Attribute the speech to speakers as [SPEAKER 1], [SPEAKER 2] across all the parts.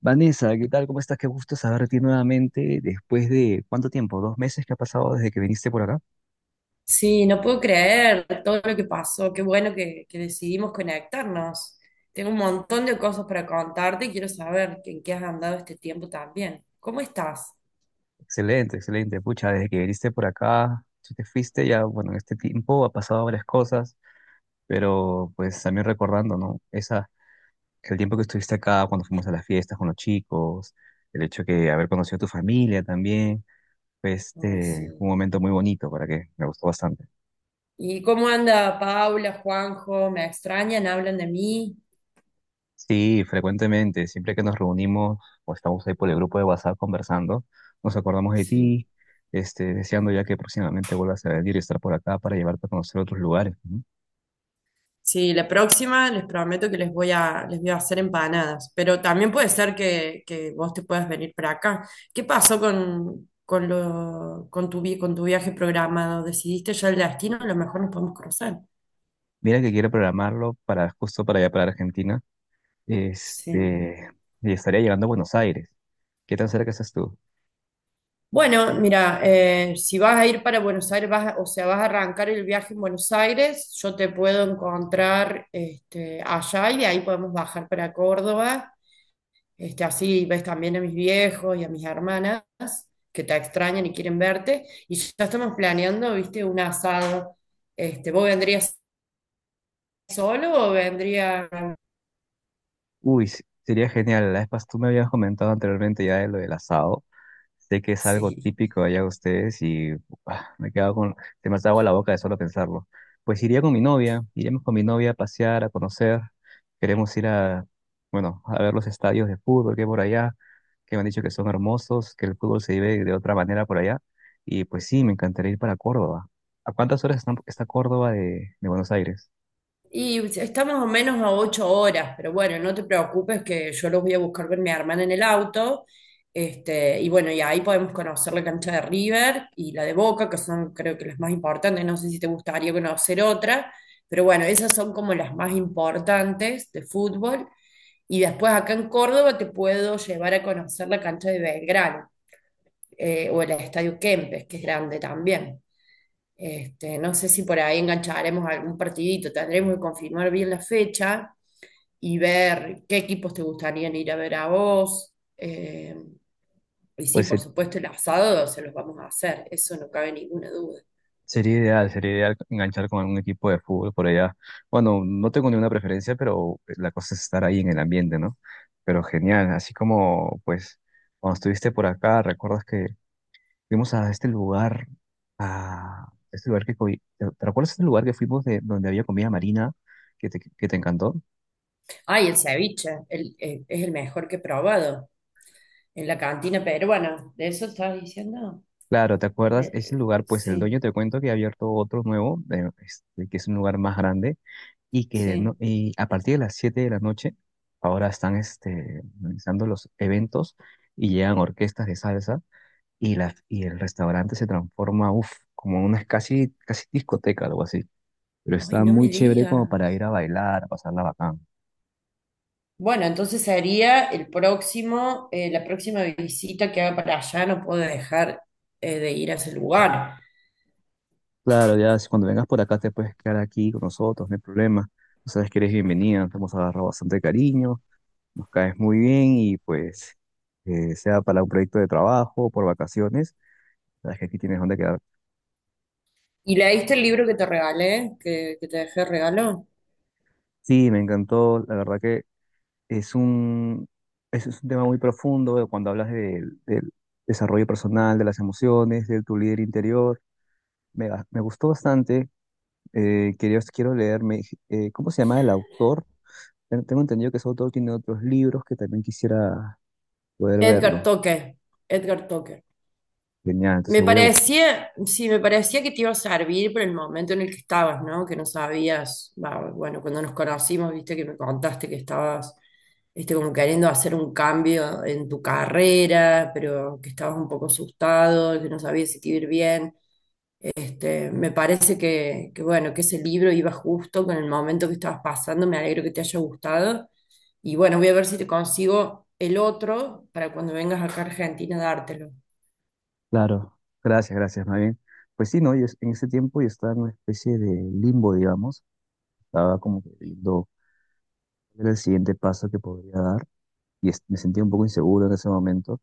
[SPEAKER 1] Vanessa, ¿qué tal? ¿Cómo estás? Qué gusto saber de ti nuevamente después de ¿cuánto tiempo? ¿2 meses que ha pasado desde que viniste por acá?
[SPEAKER 2] Sí, no puedo creer todo lo que pasó. Qué bueno que decidimos conectarnos. Tengo un montón de cosas para contarte y quiero saber en qué has andado este tiempo también. ¿Cómo estás?
[SPEAKER 1] Excelente, excelente. Pucha, desde que viniste por acá, si te fuiste ya, bueno, en este tiempo ha pasado varias cosas, pero pues también recordando, ¿no? El tiempo que estuviste acá, cuando fuimos a las fiestas con los chicos, el hecho de haber conocido a tu familia también, fue
[SPEAKER 2] Ay,
[SPEAKER 1] un
[SPEAKER 2] sí.
[SPEAKER 1] momento muy bonito. ¿Para que Me gustó bastante.
[SPEAKER 2] ¿Y cómo anda Paula, Juanjo? ¿Me extrañan? ¿Hablan de mí?
[SPEAKER 1] Sí, frecuentemente, siempre que nos reunimos o estamos ahí por el grupo de WhatsApp conversando, nos acordamos de
[SPEAKER 2] Sí.
[SPEAKER 1] ti, deseando ya que próximamente vuelvas a venir y estar por acá para llevarte a conocer otros lugares, ¿no?
[SPEAKER 2] Sí, la próxima les prometo que les voy a hacer empanadas, pero también puede ser que vos te puedas venir para acá. ¿Qué pasó con, lo, con, tu, vi- con tu viaje programado? ¿Decidiste ya el destino? A lo mejor nos podemos cruzar.
[SPEAKER 1] Mira que quiero programarlo para justo para allá, para Argentina,
[SPEAKER 2] Sí.
[SPEAKER 1] este, y estaría llegando a Buenos Aires. ¿Qué tan cerca estás tú?
[SPEAKER 2] Bueno, mira, si vas a ir para Buenos Aires, o sea, vas a arrancar el viaje en Buenos Aires, yo te puedo encontrar este, allá y de ahí podemos bajar para Córdoba. Este, así ves también a mis viejos y a mis hermanas que te extrañan y quieren verte. Y ya estamos planeando, viste, un asado. Este, ¿vos vendrías solo o vendría?
[SPEAKER 1] Uy, sería genial. Tú me habías comentado anteriormente ya de lo del asado. Sé que es algo
[SPEAKER 2] Sí.
[SPEAKER 1] típico allá de ustedes y, ah, me quedo con, se me hace agua la boca de solo pensarlo. Pues iríamos con mi novia a pasear, a conocer. Queremos ir bueno, a ver los estadios de fútbol que hay por allá, que me han dicho que son hermosos, que el fútbol se vive de otra manera por allá. Y pues sí, me encantaría ir para Córdoba. ¿A cuántas horas está Córdoba de Buenos Aires?
[SPEAKER 2] Y está más o menos a 8 horas, pero bueno, no te preocupes que yo los voy a buscar con mi hermana en el auto. Este, y bueno, y ahí podemos conocer la cancha de River y la de Boca, que son creo que las más importantes. No sé si te gustaría conocer otra, pero bueno, esas son como las más importantes de fútbol. Y después acá en Córdoba te puedo llevar a conocer la cancha de Belgrano, o el Estadio Kempes, que es grande también. Este, no sé si por ahí engancharemos algún partidito, tendremos que confirmar bien la fecha y ver qué equipos te gustarían ir a ver a vos. Y sí,
[SPEAKER 1] Pues
[SPEAKER 2] por supuesto, el asado se los vamos a hacer, eso no cabe ninguna duda.
[SPEAKER 1] sería ideal, sería ideal enganchar con algún equipo de fútbol por allá. Bueno, no tengo ninguna preferencia, pero pues, la cosa es estar ahí en el ambiente, ¿no? Pero genial, así como, pues, cuando estuviste por acá, recuerdas que fuimos a este lugar. a este lugar que... co- ¿Te te recuerdas este lugar que fuimos de donde había comida marina que te encantó?
[SPEAKER 2] Ay, el ceviche, es el mejor que he probado en la cantina peruana, ¿de eso estabas diciendo?
[SPEAKER 1] Claro, ¿te acuerdas? Ese lugar, pues el dueño
[SPEAKER 2] Sí.
[SPEAKER 1] te cuento que ha abierto otro nuevo, que es un lugar más grande, y que no-
[SPEAKER 2] Sí.
[SPEAKER 1] y a partir de las 7 de la noche ahora están organizando los eventos y llegan orquestas de salsa y el restaurante se transforma, uff, como una casi, casi discoteca, algo así. Pero
[SPEAKER 2] Ay,
[SPEAKER 1] está
[SPEAKER 2] no me
[SPEAKER 1] muy chévere como para
[SPEAKER 2] digas.
[SPEAKER 1] ir a bailar, a pasarla bacán.
[SPEAKER 2] Bueno, entonces sería el próximo, la próxima visita que haga para allá, no puedo dejar de ir a ese lugar.
[SPEAKER 1] Claro, ya si cuando vengas por acá te puedes quedar aquí con nosotros, no hay problema. Tú sabes que eres bienvenida, te hemos agarrado bastante cariño, nos caes muy bien y pues sea para un proyecto de trabajo, por vacaciones, sabes que aquí tienes donde quedar.
[SPEAKER 2] ¿Y leíste el libro que te regalé, que te dejé regalo?
[SPEAKER 1] Sí, me encantó. La verdad que es un, es un tema muy profundo, cuando hablas del desarrollo personal, de las emociones, de tu líder interior. Me gustó bastante. Quiero leerme. ¿Cómo se llama el autor? Tengo entendido que ese autor tiene otros libros que también quisiera poder
[SPEAKER 2] Edgar
[SPEAKER 1] verlos.
[SPEAKER 2] Toque, Edgar Toque.
[SPEAKER 1] Genial,
[SPEAKER 2] Me
[SPEAKER 1] entonces voy a buscar.
[SPEAKER 2] parecía, sí, me parecía que te iba a servir por el momento en el que estabas, ¿no? Que no sabías, va, bueno, cuando nos conocimos, viste que me contaste que estabas, este, como queriendo hacer un cambio en tu carrera, pero que estabas un poco asustado, que no sabías si te iba a ir bien. Este, me parece bueno, que ese libro iba justo con el momento que estabas pasando, me alegro que te haya gustado. Y bueno, voy a ver si te consigo el otro para cuando vengas acá a Argentina dártelo.
[SPEAKER 1] Claro, gracias, gracias, más bien. Pues sí, ¿no? En ese tiempo yo estaba en una especie de limbo, digamos. Estaba como que viendo cuál era el siguiente paso que podría dar, y me sentía un poco inseguro en ese momento,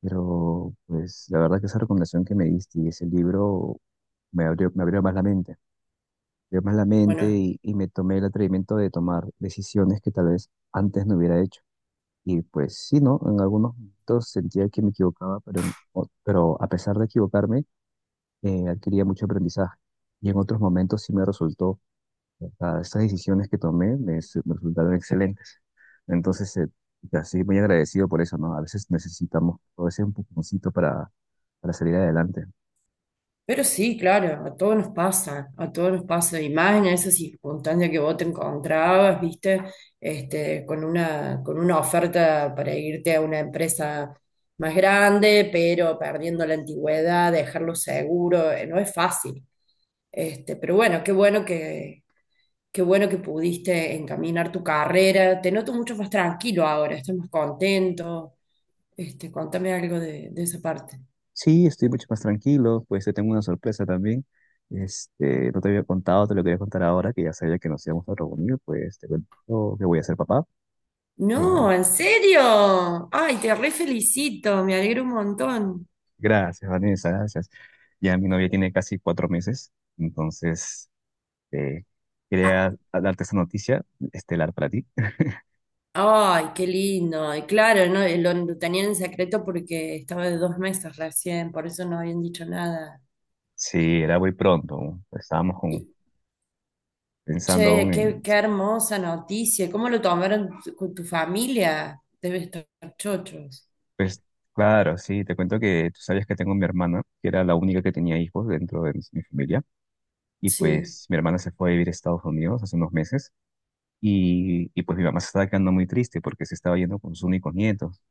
[SPEAKER 1] pero pues la verdad que esa recomendación que me diste y ese libro me abrió más la mente, me abrió más la mente,
[SPEAKER 2] Bueno.
[SPEAKER 1] y me tomé el atrevimiento de tomar decisiones que tal vez antes no hubiera hecho. Y pues sí, ¿no? En algunos momentos sentía que me equivocaba, pero, pero a pesar de equivocarme, adquiría mucho aprendizaje. Y en otros momentos sí me resultó, o sea, estas decisiones que tomé me resultaron excelentes. Entonces, ya, sí, muy agradecido por eso, ¿no? A veces necesitamos todo ese empujoncito para salir adelante.
[SPEAKER 2] Pero sí, claro, a todos nos pasa, a todos nos pasa, y más en esa circunstancia que vos te encontrabas, viste, este, con una oferta para irte a una empresa más grande, pero perdiendo la antigüedad, dejarlo seguro, no es fácil. Este, pero bueno, qué bueno que pudiste encaminar tu carrera. Te noto mucho más tranquilo ahora, estás más contento. Este, contame algo de esa parte,
[SPEAKER 1] Sí, estoy mucho más tranquilo, pues te tengo una sorpresa también. Este,
[SPEAKER 2] ¿no?
[SPEAKER 1] no te había contado, te lo quería contar ahora, que ya sabía que nos íbamos a reunir, pues te cuento que voy a ser papá.
[SPEAKER 2] No,
[SPEAKER 1] Eh,
[SPEAKER 2] ¿en serio? Ay, te re felicito, me alegro un montón.
[SPEAKER 1] Gracias, Vanessa, gracias. Ya mi novia tiene casi 4 meses, entonces eh,
[SPEAKER 2] Ah,
[SPEAKER 1] quería darte esa noticia estelar para ti.
[SPEAKER 2] ay, qué lindo. Y claro, no, lo tenían en secreto porque estaba de 2 meses recién, por eso no habían dicho nada.
[SPEAKER 1] Sí, era muy pronto. Estábamos
[SPEAKER 2] Y,
[SPEAKER 1] pensando
[SPEAKER 2] che,
[SPEAKER 1] aún en.
[SPEAKER 2] qué hermosa noticia. ¿Cómo lo tomaron con tu familia? Debe estar chochos.
[SPEAKER 1] Pues claro, sí, te cuento que tú sabías que tengo mi hermana, que era la única que tenía hijos dentro de mi familia, y
[SPEAKER 2] Sí,
[SPEAKER 1] pues mi hermana se fue a vivir a Estados Unidos hace unos meses, y pues mi mamá se estaba quedando muy triste porque se estaba yendo con sus únicos nietos.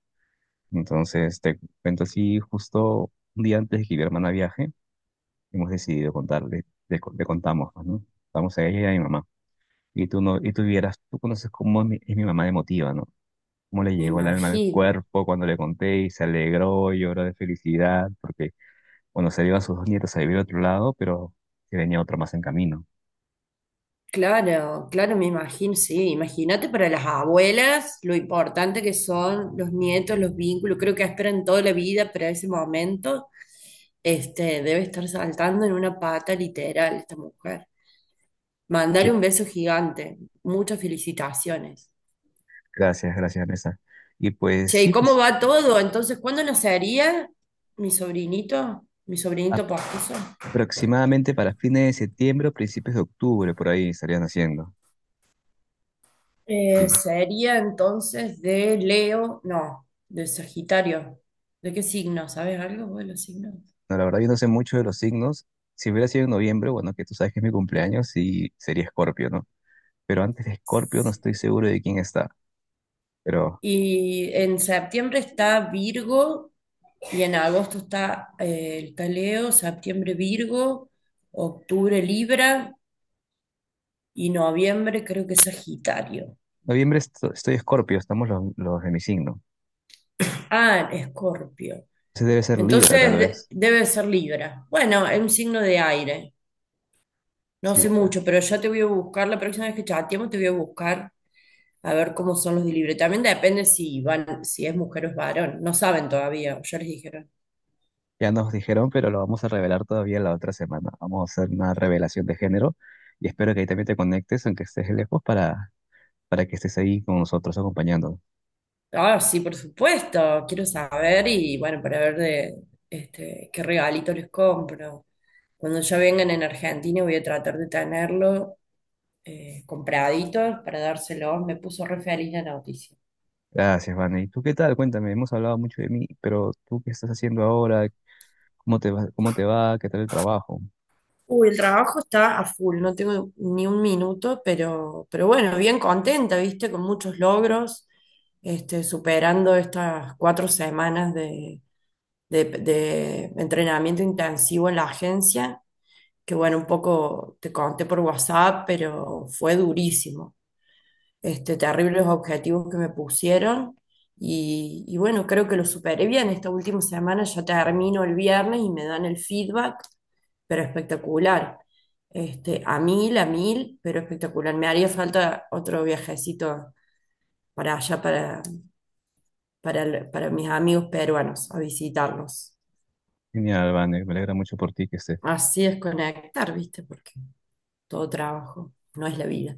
[SPEAKER 1] Entonces te cuento así, justo un día antes de que mi hermana viaje, hemos decidido contarle. Le contamos, pues, ¿no? Contamos a ella y a mi mamá. Y tú no, y tú vieras, tú conoces cómo es mi mamá emotiva, ¿no? Cómo le
[SPEAKER 2] me
[SPEAKER 1] llegó el alma al
[SPEAKER 2] imagino.
[SPEAKER 1] cuerpo cuando le conté y se alegró, lloró de felicidad. Porque Bueno, se iban sus 2 nietos a vivir a otro lado, pero que venía otro más en camino.
[SPEAKER 2] Claro, claro, me imagino, sí. Imagínate para las abuelas lo importante que son los nietos, los vínculos. Creo que esperan toda la vida para ese momento. Este, debe estar saltando en una pata literal esta mujer. Mandale
[SPEAKER 1] Sí,
[SPEAKER 2] un beso gigante. Muchas felicitaciones.
[SPEAKER 1] gracias, gracias, Vanessa. Y pues
[SPEAKER 2] Che, ¿y
[SPEAKER 1] sí,
[SPEAKER 2] cómo
[SPEAKER 1] pues
[SPEAKER 2] va todo? Entonces, ¿cuándo nacería mi sobrinito? Mi sobrinito postizo.
[SPEAKER 1] aproximadamente para fines de septiembre o principios de octubre, por ahí estarían haciendo. Sí.
[SPEAKER 2] Sería entonces de Leo, no, de Sagitario. ¿De qué signo? ¿Sabes algo vos de los signos?
[SPEAKER 1] No, la verdad yo no sé mucho de los signos. Si hubiera sido en noviembre, bueno, que tú sabes que es mi cumpleaños, sí sería Escorpio, ¿no? Pero antes de Escorpio no
[SPEAKER 2] Sí.
[SPEAKER 1] estoy seguro de quién está. Pero
[SPEAKER 2] Y en septiembre está Virgo y en agosto está el Leo. Septiembre Virgo, octubre Libra y noviembre creo que Sagitario.
[SPEAKER 1] noviembre estoy Escorpio, estamos los de mi signo.
[SPEAKER 2] Ah, Escorpio.
[SPEAKER 1] Ese debe ser Libra, tal
[SPEAKER 2] Entonces
[SPEAKER 1] vez.
[SPEAKER 2] debe ser Libra. Bueno, es un signo de aire. No
[SPEAKER 1] Sí,
[SPEAKER 2] sé mucho, pero ya te voy a buscar, la próxima vez que chateemos te voy a buscar a ver cómo son los de libre. También depende si van, si es mujer o es varón. No saben todavía, ya les dijeron.
[SPEAKER 1] ya nos dijeron, pero lo vamos a revelar todavía la otra semana. Vamos a hacer una revelación de género, y espero que ahí también te conectes, aunque estés lejos, para que estés ahí con nosotros acompañándonos.
[SPEAKER 2] Ah, sí, por supuesto, quiero saber y bueno, para ver de este, qué regalito les compro. Cuando ya vengan en Argentina voy a tratar de tenerlo compraditos para dárselos. Me puso re feliz la noticia.
[SPEAKER 1] Gracias, Vane. ¿Y tú qué tal? Cuéntame, hemos hablado mucho de mí, pero ¿tú qué estás haciendo ahora? ¿Cómo te va? ¿Cómo te va? ¿Qué tal el trabajo?
[SPEAKER 2] Uy, el trabajo está a full, no tengo ni un minuto, pero bueno, bien contenta, viste, con muchos logros, este, superando estas 4 semanas de entrenamiento intensivo en la agencia, que bueno, un poco te conté por WhatsApp, pero fue durísimo este, terribles objetivos que me pusieron. Y bueno, creo que lo superé bien. Esta última semana ya termino el viernes y me dan el feedback, pero espectacular. Este, a mil, pero espectacular. Me haría falta otro viajecito para allá, para mis amigos peruanos, a visitarlos.
[SPEAKER 1] Genial, Vane. Me alegra mucho por ti que estés.
[SPEAKER 2] Así es conectar, ¿viste? Porque todo trabajo no es la vida.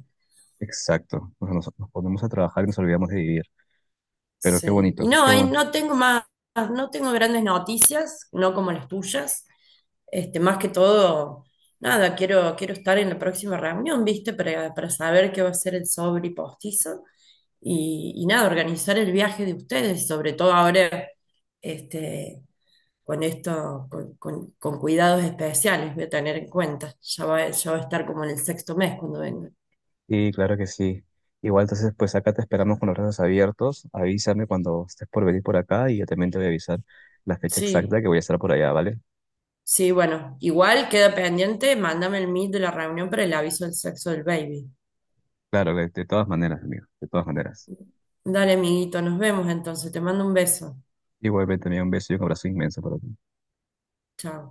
[SPEAKER 1] Exacto. Nos ponemos a trabajar y nos olvidamos de vivir. Pero qué
[SPEAKER 2] Sí.
[SPEAKER 1] bonito, qué
[SPEAKER 2] Y
[SPEAKER 1] bueno.
[SPEAKER 2] no tengo más, no tengo grandes noticias, no como las tuyas. Este, más que todo, nada, quiero estar en la próxima reunión, ¿viste? Para saber qué va a ser el sobre y postizo. Y nada, organizar el viaje de ustedes, sobre todo ahora, este, con esto, con cuidados especiales, voy a tener en cuenta. Ya va a estar como en el sexto mes cuando venga.
[SPEAKER 1] Sí, claro que sí. Igual entonces, pues acá te esperamos con los brazos abiertos. Avísame cuando estés por venir por acá y yo también te voy a avisar la fecha
[SPEAKER 2] Sí.
[SPEAKER 1] exacta que voy a estar por allá, ¿vale?
[SPEAKER 2] Sí, bueno, igual queda pendiente, mándame el meet de la reunión para el aviso del sexo del baby.
[SPEAKER 1] Claro, de todas maneras, amigo, de todas maneras.
[SPEAKER 2] Dale, amiguito, nos vemos entonces, te mando un beso.
[SPEAKER 1] Igualmente, amigo, un beso y un abrazo inmenso para ti.
[SPEAKER 2] Chao.